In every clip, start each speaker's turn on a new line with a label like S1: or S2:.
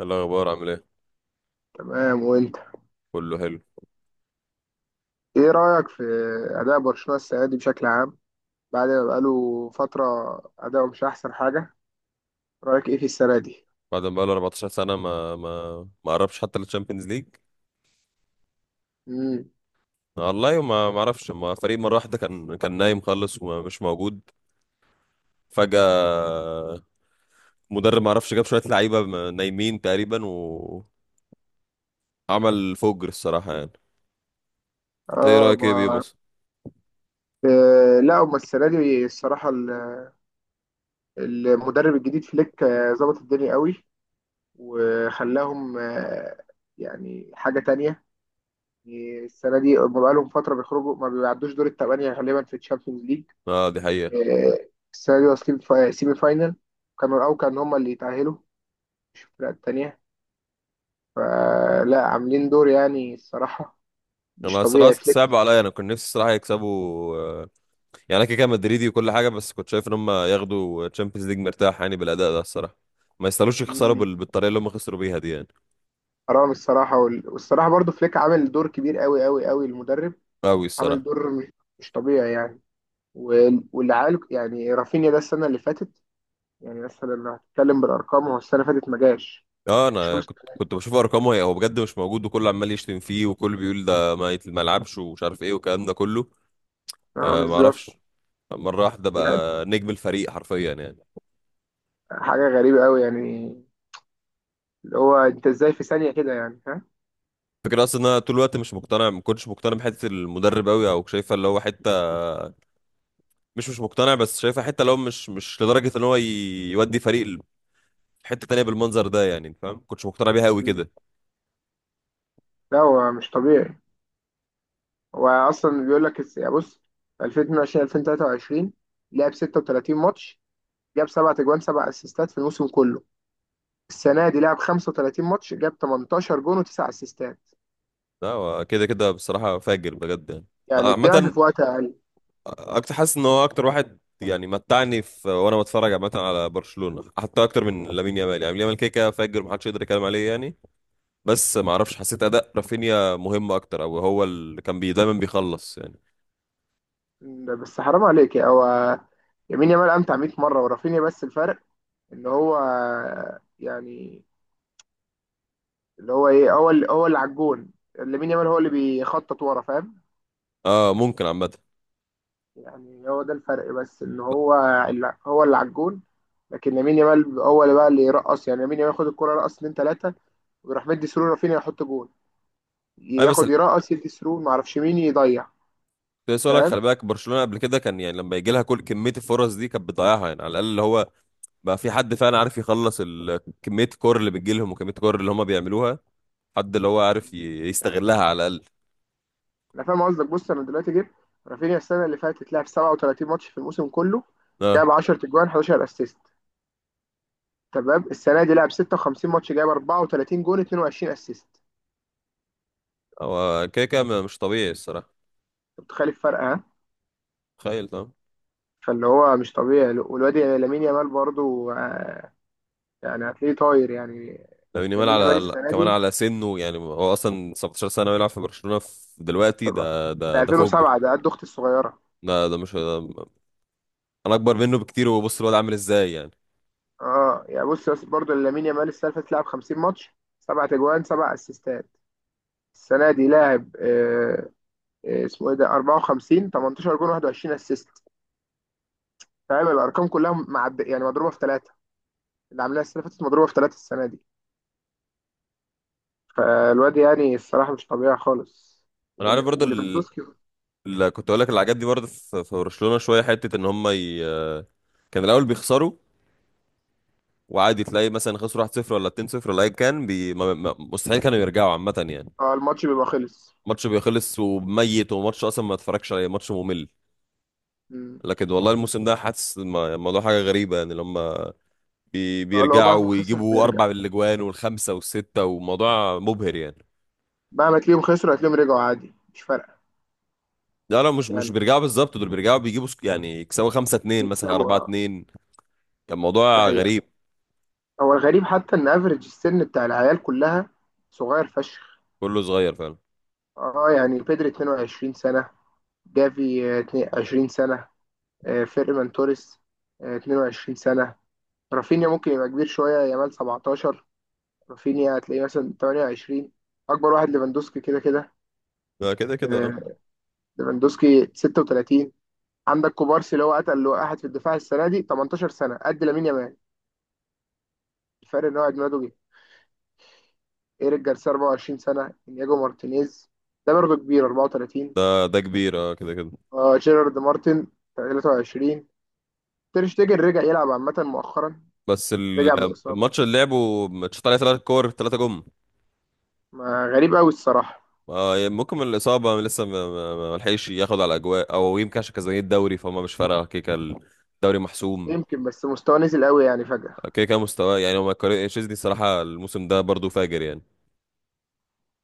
S1: إيه الاخبار؟ عامل ايه؟
S2: تمام وانت.
S1: كله حلو.
S2: ايه رأيك في أداء برشلونة السنة دي بشكل عام؟ بعد ما بقاله فترة، أداؤه مش أحسن حاجة. رأيك ايه في السنة دي؟
S1: بعد ما بقاله 14 سنه ما قربش حتى للتشامبيونز ليج.
S2: مم.
S1: والله ما اعرفش، ما فريق مره واحده كان نايم خالص ومش موجود فجاه. مدرب ما اعرفش جاب شويه لعيبه نايمين تقريبا وعمل فجر الصراحه يعني. ايه
S2: اه
S1: رايك
S2: ما.
S1: بيه مثلا؟
S2: لا، هما السنة دي الصراحة المدرب الجديد فليك ظبط الدنيا قوي، وخلاهم يعني حاجة تانية. يعني السنة دي هما بقالهم فترة بيخرجوا، ما بيعدوش دور التمانية غالبا في الشامبيونز ليج.
S1: اه دي حقيقه.
S2: آه. السنة دي واصلين في سيمي فاينل. كانوا الأول، كانوا هما اللي يتأهلوا، مش الفرق التانية. فلا، عاملين دور يعني الصراحة مش
S1: انا الصراحه
S2: طبيعي فليك.
S1: صعب عليا، انا كنت نفسي الصراحه يكسبوا، آه، يعني انا كده كده مدريدي وكل حاجه، بس كنت شايف ان هم ياخدوا تشامبيونز ليج مرتاح يعني بالاداء ده الصراحه. ما يستاهلوش يخسروا
S2: مم.
S1: بالطريقه اللي هم خسروا بيها دي يعني.
S2: حرام الصراحة. والصراحة برضو فليك عامل دور كبير قوي قوي قوي، المدرب.
S1: قوي
S2: عامل
S1: الصراحه.
S2: دور مش طبيعي يعني. واللي عال يعني رافينيا، ده السنة اللي فاتت يعني مثلا لو هتتكلم بالأرقام، هو السنة اللي فاتت ما جاش.
S1: اه انا
S2: شوف،
S1: كنت بشوف ارقامه، هي هو بجد مش موجود وكله عمال يشتم فيه وكله بيقول ده ما يلعبش ومش عارف ايه والكلام ده كله.
S2: اه
S1: آه، ما
S2: بالظبط.
S1: اعرفش. مره واحده
S2: يعني
S1: بقى نجم الفريق حرفيا يعني.
S2: حاجة غريبة قوي يعني، اللي هو انت ازاي في ثانية كده يعني، ها.
S1: فكرة اصلا إن انا طول الوقت مش مقتنع، ما كنتش مقتنع بحته المدرب قوي او شايفه اللي هو حته، مش مقتنع، بس شايفه حته اللي هو مش لدرجه ان هو يودي فريق حته تانية بالمنظر ده يعني. أنت فاهم؟ ما كنتش مقتنع بيها قوي
S2: مم.
S1: كده.
S2: لا هو مش طبيعي. هو اصلا بيقول لك بص، 2022 2023 لعب 36 ماتش، جاب سبع تجوان سبع اسيستات في الموسم كله. السنه دي لعب 35 ماتش، جاب 18 جون وتسع اسيستات.
S1: لا هو كده كده بصراحه فاجر بجد يعني. آه،
S2: يعني الضعف
S1: عامة،
S2: في وقت اقل.
S1: اكتر حاسس ان هو اكتر واحد يعني متعني في، وانا بتفرج عامه على برشلونه، حتى اكتر من لامين يامال. يعني لامين يامال كده كده فاجر، محدش يقدر يتكلم عليه يعني. بس ما اعرفش، حسيت اداء رافينيا مهم اكتر، او هو اللي كان بي دايما بيخلص يعني.
S2: بس حرام عليك يا هو. يمين يامال امتع 100 مره ورافينيا، بس الفرق ان هو يعني اللي هو ايه، هو اللي هو اللي على الجون. لامين يامال هو اللي بيخطط ورا، فاهم؟
S1: اه ممكن عامه.
S2: يعني هو ده الفرق، بس ان هو اللي هو اللي على الجون، لكن لامين يامال هو اللي بقى اللي يرقص. يعني لامين يامال ياخد الكرة، يرقص اتنين تلاتة، ويروح مدي سرور، رافينيا يحط جون.
S1: اي، بس
S2: ياخد يرقص يدي سرور، معرفش مين يضيع.
S1: سؤالك،
S2: فاهم.
S1: خلي بالك برشلونه قبل كده كان يعني لما يجي لها كل كميه الفرص دي كانت بتضيعها يعني، على الاقل اللي هو بقى في حد فعلا عارف يخلص كميه الكور اللي بتجي لهم وكميه الكور اللي هم بيعملوها، حد اللي هو عارف يستغلها على الاقل.
S2: انا فاهم قصدك. بص، انا دلوقتي جبت رافينيا السنة اللي فاتت، لعب 37 ماتش في الموسم كله،
S1: اه
S2: جاب 10 تجوان 11 اسيست. تمام. السنة دي لعب 56 ماتش، جاب 34 جون 22 اسيست.
S1: هو كده كده مش طبيعي الصراحه.
S2: انت متخيل الفرق، ها؟
S1: تخيل طبعا.
S2: فاللي هو مش طبيعي. والواد يعني لامين يامال برضه، يعني هتلاقيه طاير يعني.
S1: لامين يامال
S2: لامين يامال
S1: على
S2: السنه
S1: كمان
S2: دي،
S1: على سنه يعني، هو اصلا 17 سنه ويلعب في برشلونه في دلوقتي،
S2: طبعا
S1: ده ده
S2: ده
S1: ده فجر.
S2: 2007، ده قد اختي الصغيره.
S1: ده مش ده، انا اكبر منه بكتير وبص الواد عامل ازاي يعني.
S2: اه يعني بص، بس برضه لامين يامال السنه اللي فاتت لعب 50 ماتش، سبع تجوان سبع اسيستات. السنه دي لاعب اسمه ايه، ده 54، 18 جون 21 اسيست. فاهم الارقام كلها معد يعني مضروبه في ثلاثه. اللي عاملاها السنه اللي فاتت مضروبه في ثلاثه السنه دي. فالواد يعني الصراحه مش طبيعي خالص.
S1: انا عارف برضه
S2: وليفاندوسكي.
S1: اللي كنت اقول لك، اللي عجبني برضه في برشلونه شويه حته ان هم كان الاول بيخسروا، وعادي تلاقي مثلا خسروا 1-0 ولا 2-0 ولا ايا كان، بي... ما... ما... مستحيل كانوا يرجعوا عامه يعني.
S2: اه الماتش بيبقى خلص.
S1: ماتش بيخلص وميت، وماتش اصلا ما اتفرجش عليه، ماتش ممل.
S2: مم.
S1: لكن والله الموسم ده حاسس الموضوع حاجه غريبه يعني، لما
S2: اه، لو
S1: بيرجعوا
S2: مهما خسر
S1: ويجيبوا
S2: هيرجع.
S1: اربع من الاجوان والخمسه والسته، وموضوع مبهر يعني.
S2: مهما تلاقيهم خسروا، هتلاقيهم رجعوا عادي، مش فارقه.
S1: لا لا، مش
S2: يعني
S1: بيرجعوا بالظبط، دول بيرجعوا بيجيبوا يعني يكسبوا خمسة اتنين مثلا،
S2: يكسبوا،
S1: أربعة
S2: اه.
S1: اتنين. كان
S2: دي
S1: موضوع
S2: حقيقه.
S1: غريب.
S2: هو الغريب حتى ان افريج السن بتاع العيال كلها صغير فشخ.
S1: كله صغير فعلا.
S2: اه يعني بيدري 22 سنه، جافي 22 سنه، فيرمان توريس 22 سنه. رافينيا ممكن يبقى كبير شويه، يامال 17، رافينيا هتلاقيه مثلا 28. اكبر واحد ليفاندوسكي كده كده.
S1: ده كده كده اه.
S2: آه، ليفاندوسكي 36. عندك كوبارسي، اللي هو قتل واحد في الدفاع السنه دي، 18 سنه، قد لامين يامال. الفرق ان هو عيد ميلاده جه. ايريك جارسيا 24 سنه، انياجو مارتينيز ده برضه كبير، 34.
S1: ده كبير اه كده كده.
S2: جيرارد مارتن 23. تير شتيجن رجع يلعب عامه مؤخرا،
S1: بس
S2: رجع من اصابه.
S1: الماتش اللي لعبه ماتشات عليه ثلاث كور، ثلاثة جم.
S2: ما، غريب قوي الصراحه.
S1: آه، يعني ممكن من الإصابة لسه ما لحقش ياخد على أجواء، أو يمكن عشان كسبان الدوري فهم مش فارقة، كيكة الدوري محسوم.
S2: يمكن بس مستواه نزل قوي يعني فجاه.
S1: كيكة مستواه، يعني هو ما يقارن- تشيزني الصراحة الموسم ده برضه فاجر يعني.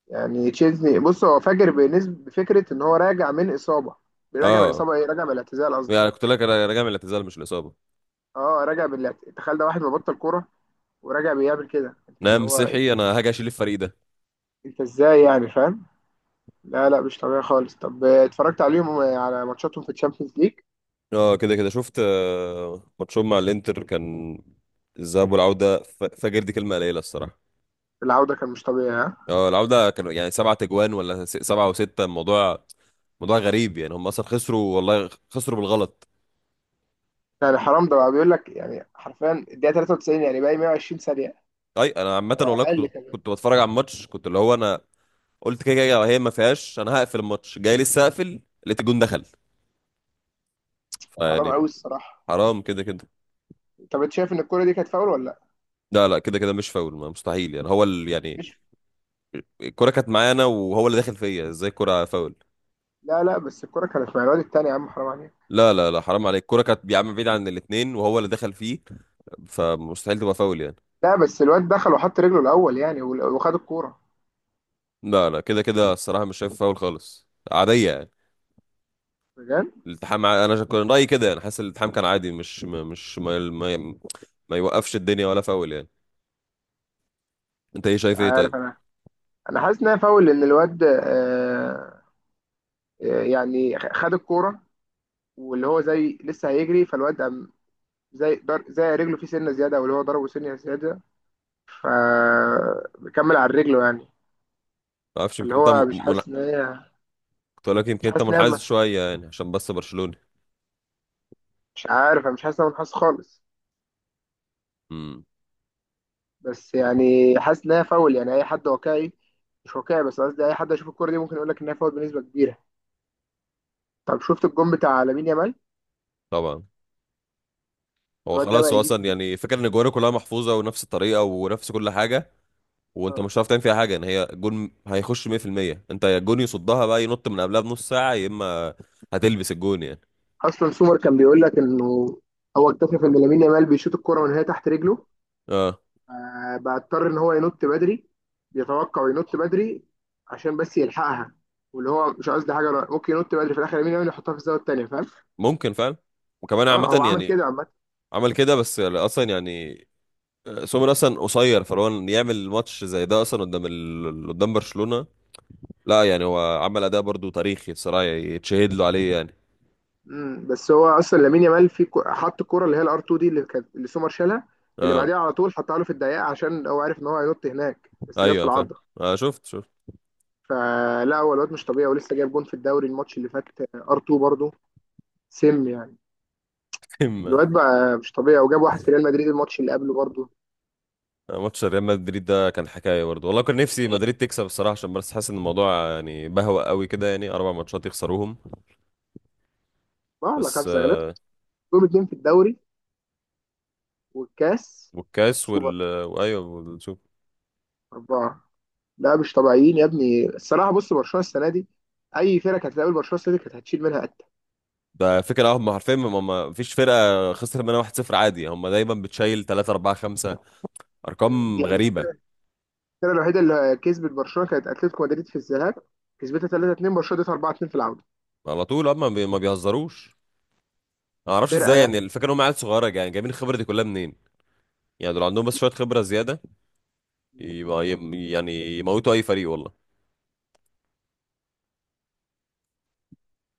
S2: يعني تشيزني بص، هو فاجر، بالنسبه بفكره ان هو راجع من اصابه. راجع من
S1: اه
S2: اصابه ايه، راجع من الاعتزال قصدي.
S1: يعني كنت لك انا راجع من الاعتزال مش الاصابه.
S2: اه راجع بالاعتزال، تخيل، ده واحد مبطل كوره وراجع بيعمل كده. انت اللي
S1: نعم
S2: هو انت،
S1: صحي انا هاجي اشيل الفريق ده.
S2: انت ازاي يعني، فاهم؟ لا لا، مش طبيعي خالص. طب اتفرجت عليهم على ماتشاتهم في الشامبيونز ليج؟
S1: اه كده كده شفت، آه، ماتشهم مع الانتر كان الذهاب والعوده، فجر، دي كلمه قليله الصراحه.
S2: العودة كان مش طبيعي، ها.
S1: اه العوده كانوا يعني سبعة تجوان، ولا سبعة وستة، الموضوع موضوع غريب يعني، هم اصلا خسروا، والله خسروا بالغلط.
S2: يعني حرام، ده بقى بيقول لك يعني حرفيا الدقيقة 93، يعني باقي 120 ثانية،
S1: اي انا عامه
S2: هو
S1: والله
S2: أقل
S1: كنت
S2: كمان.
S1: كنت بتفرج على الماتش، كنت اللي هو انا قلت كده كده هي ما فيهاش، انا هقفل الماتش، جاي لسه اقفل لقيت الجون دخل.
S2: حرام
S1: يعني
S2: قوي الصراحة.
S1: حرام كده كده.
S2: طب انت شايف ان الكرة دي كانت فاول ولا لا؟
S1: لا لا كده كده مش فاول، ما مستحيل يعني، هو يعني
S2: مش
S1: الكرة كانت معانا وهو اللي دخل فيا، ازاي الكرة فاول؟
S2: لا لا، بس الكرة كانت مع الواد التاني يا عم، حرام عليك.
S1: لا لا لا، حرام عليك، الكرة كانت يا عم بعيد عن الاتنين وهو اللي دخل فيه، فمستحيل تبقى فاول يعني.
S2: لا، بس الواد دخل وحط رجله الأول يعني وخد الكورة،
S1: لا لا كده كده الصراحة مش شايف فاول خالص، عادية يعني.
S2: بجد.
S1: الالتحام، انا كان رأيي كده يعني، حاسس الالتحام كان عادي، مش ما يوقفش الدنيا ولا فاول يعني. انت ايه
S2: مش
S1: شايف ايه؟ طيب.
S2: عارف أنا، أنا حاسس إنها فاول، لأن الواد يعني خد الكورة واللي هو زي لسه هيجري، فالواد زي رجله فيه سنه زياده، او اللي هو ضربه سنه زياده، فبكمل على رجله يعني.
S1: ما اعرفش،
S2: اللي
S1: يمكن انت
S2: هو مش حاسس ان هي،
S1: كنت أقول لك يمكن
S2: مش
S1: انت
S2: حاسس ان هي،
S1: منحاز شوية يعني عشان بس برشلوني.
S2: مش عارف أنا، مش حاسس ان انا حاسس خالص.
S1: امم.
S2: بس يعني حاسس ان هي فاول يعني. اي حد واقعي، مش واقعي، بس قصدي اي حد يشوف الكوره دي ممكن يقول لك ان هي فاول بنسبه كبيره. طب شفت الجون بتاع لامين يامال؟
S1: طبعا. هو
S2: الواد ده
S1: خلاص
S2: بقى
S1: هو
S2: يجيب.
S1: اصلا يعني فكرة ان الجوانب كلها محفوظة ونفس الطريقة ونفس كل حاجة، وانت
S2: آه.
S1: مش هتعرف تعمل فيها حاجة، ان هي جون هيخش 100%. انت يا الجون يصدها بقى ينط من قبلها بنص ساعة، يا اما هتلبس الجون يعني.
S2: اصلا سومر كان بيقول لك انه هو اكتشف ان لامين يامال بيشوط الكوره من هي تحت رجله،
S1: اه
S2: بقى اضطر ان هو ينط بدري، بيتوقع وينط بدري، عشان بس يلحقها. واللي هو مش قصدي حاجه، أنا ممكن ينط بدري، في الاخر لامين يامال يحطها في الزاويه الثانيه، فاهم؟
S1: ممكن فعلا. وكمان
S2: اه
S1: عامة
S2: هو عمل
S1: يعني
S2: كده عامه.
S1: عمل كده، بس يعني اصلا يعني آه، سومر اصلا قصير، فلو إن يعمل ماتش زي ده اصلا قدام قدام برشلونة، لا يعني هو عمل اداء برضو تاريخي الصراحة، يتشهد له عليه يعني.
S2: بس هو اصلا لامين يامال في حط الكره اللي هي الار 2 دي، اللي كانت اللي سومر شالها، اللي
S1: اه
S2: بعديها على طول حطها له في الدقيقه، عشان هو عارف ان هو هينط هناك، بس جت في
S1: ايوه فاهم.
S2: العارضه.
S1: آه شفت.
S2: فلا، هو الواد مش طبيعي، ولسه جايب جون في الدوري الماتش اللي فات، ار 2 برضه. سم يعني. الواد بقى مش طبيعي، وجاب واحد في ريال مدريد الماتش اللي قبله برضه.
S1: ماتش ريال مدريد ده كان حكايه برضه، والله كان نفسي مدريد تكسب الصراحه، عشان بس حاسس ان الموضوع يعني بهوى قوي كده، يعني اربع ماتشات يخسروهم.
S2: اه لا،
S1: بس
S2: خمسه.
S1: آه،
S2: دول اتنين في الدوري، والكاس،
S1: والكاس
S2: والسوبر،
S1: وايوه والشوف.
S2: أربعة. لا، مش طبيعيين يا ابني الصراحة. بص، برشلونة السنة دي أي فرقة كانت هتقابل برشلونة السنة دي، كانت هتشيل منها قتة
S1: ده فكره هم عارفين، هم ما فيش فرقه خسرت منها 1-0 عادي، هم دايما بتشيل 3 4 5، ارقام
S2: يعني.
S1: غريبه.
S2: الفرقة الوحيدة اللي كسبت برشلونة كانت أتلتيكو مدريد في الذهاب، كسبتها 3-2. برشلونة اديتها 4-2 في العودة.
S1: على طول هم ما بيهزروش. ما اعرفش ازاي
S2: فرقة
S1: يعني، الفكره ان هم عيال صغيره يعني جايبين الخبره دي كلها منين؟ يعني دول عندهم بس شويه خبره زياده،
S2: يعني.
S1: يبقى يعني يموتوا اي فريق والله.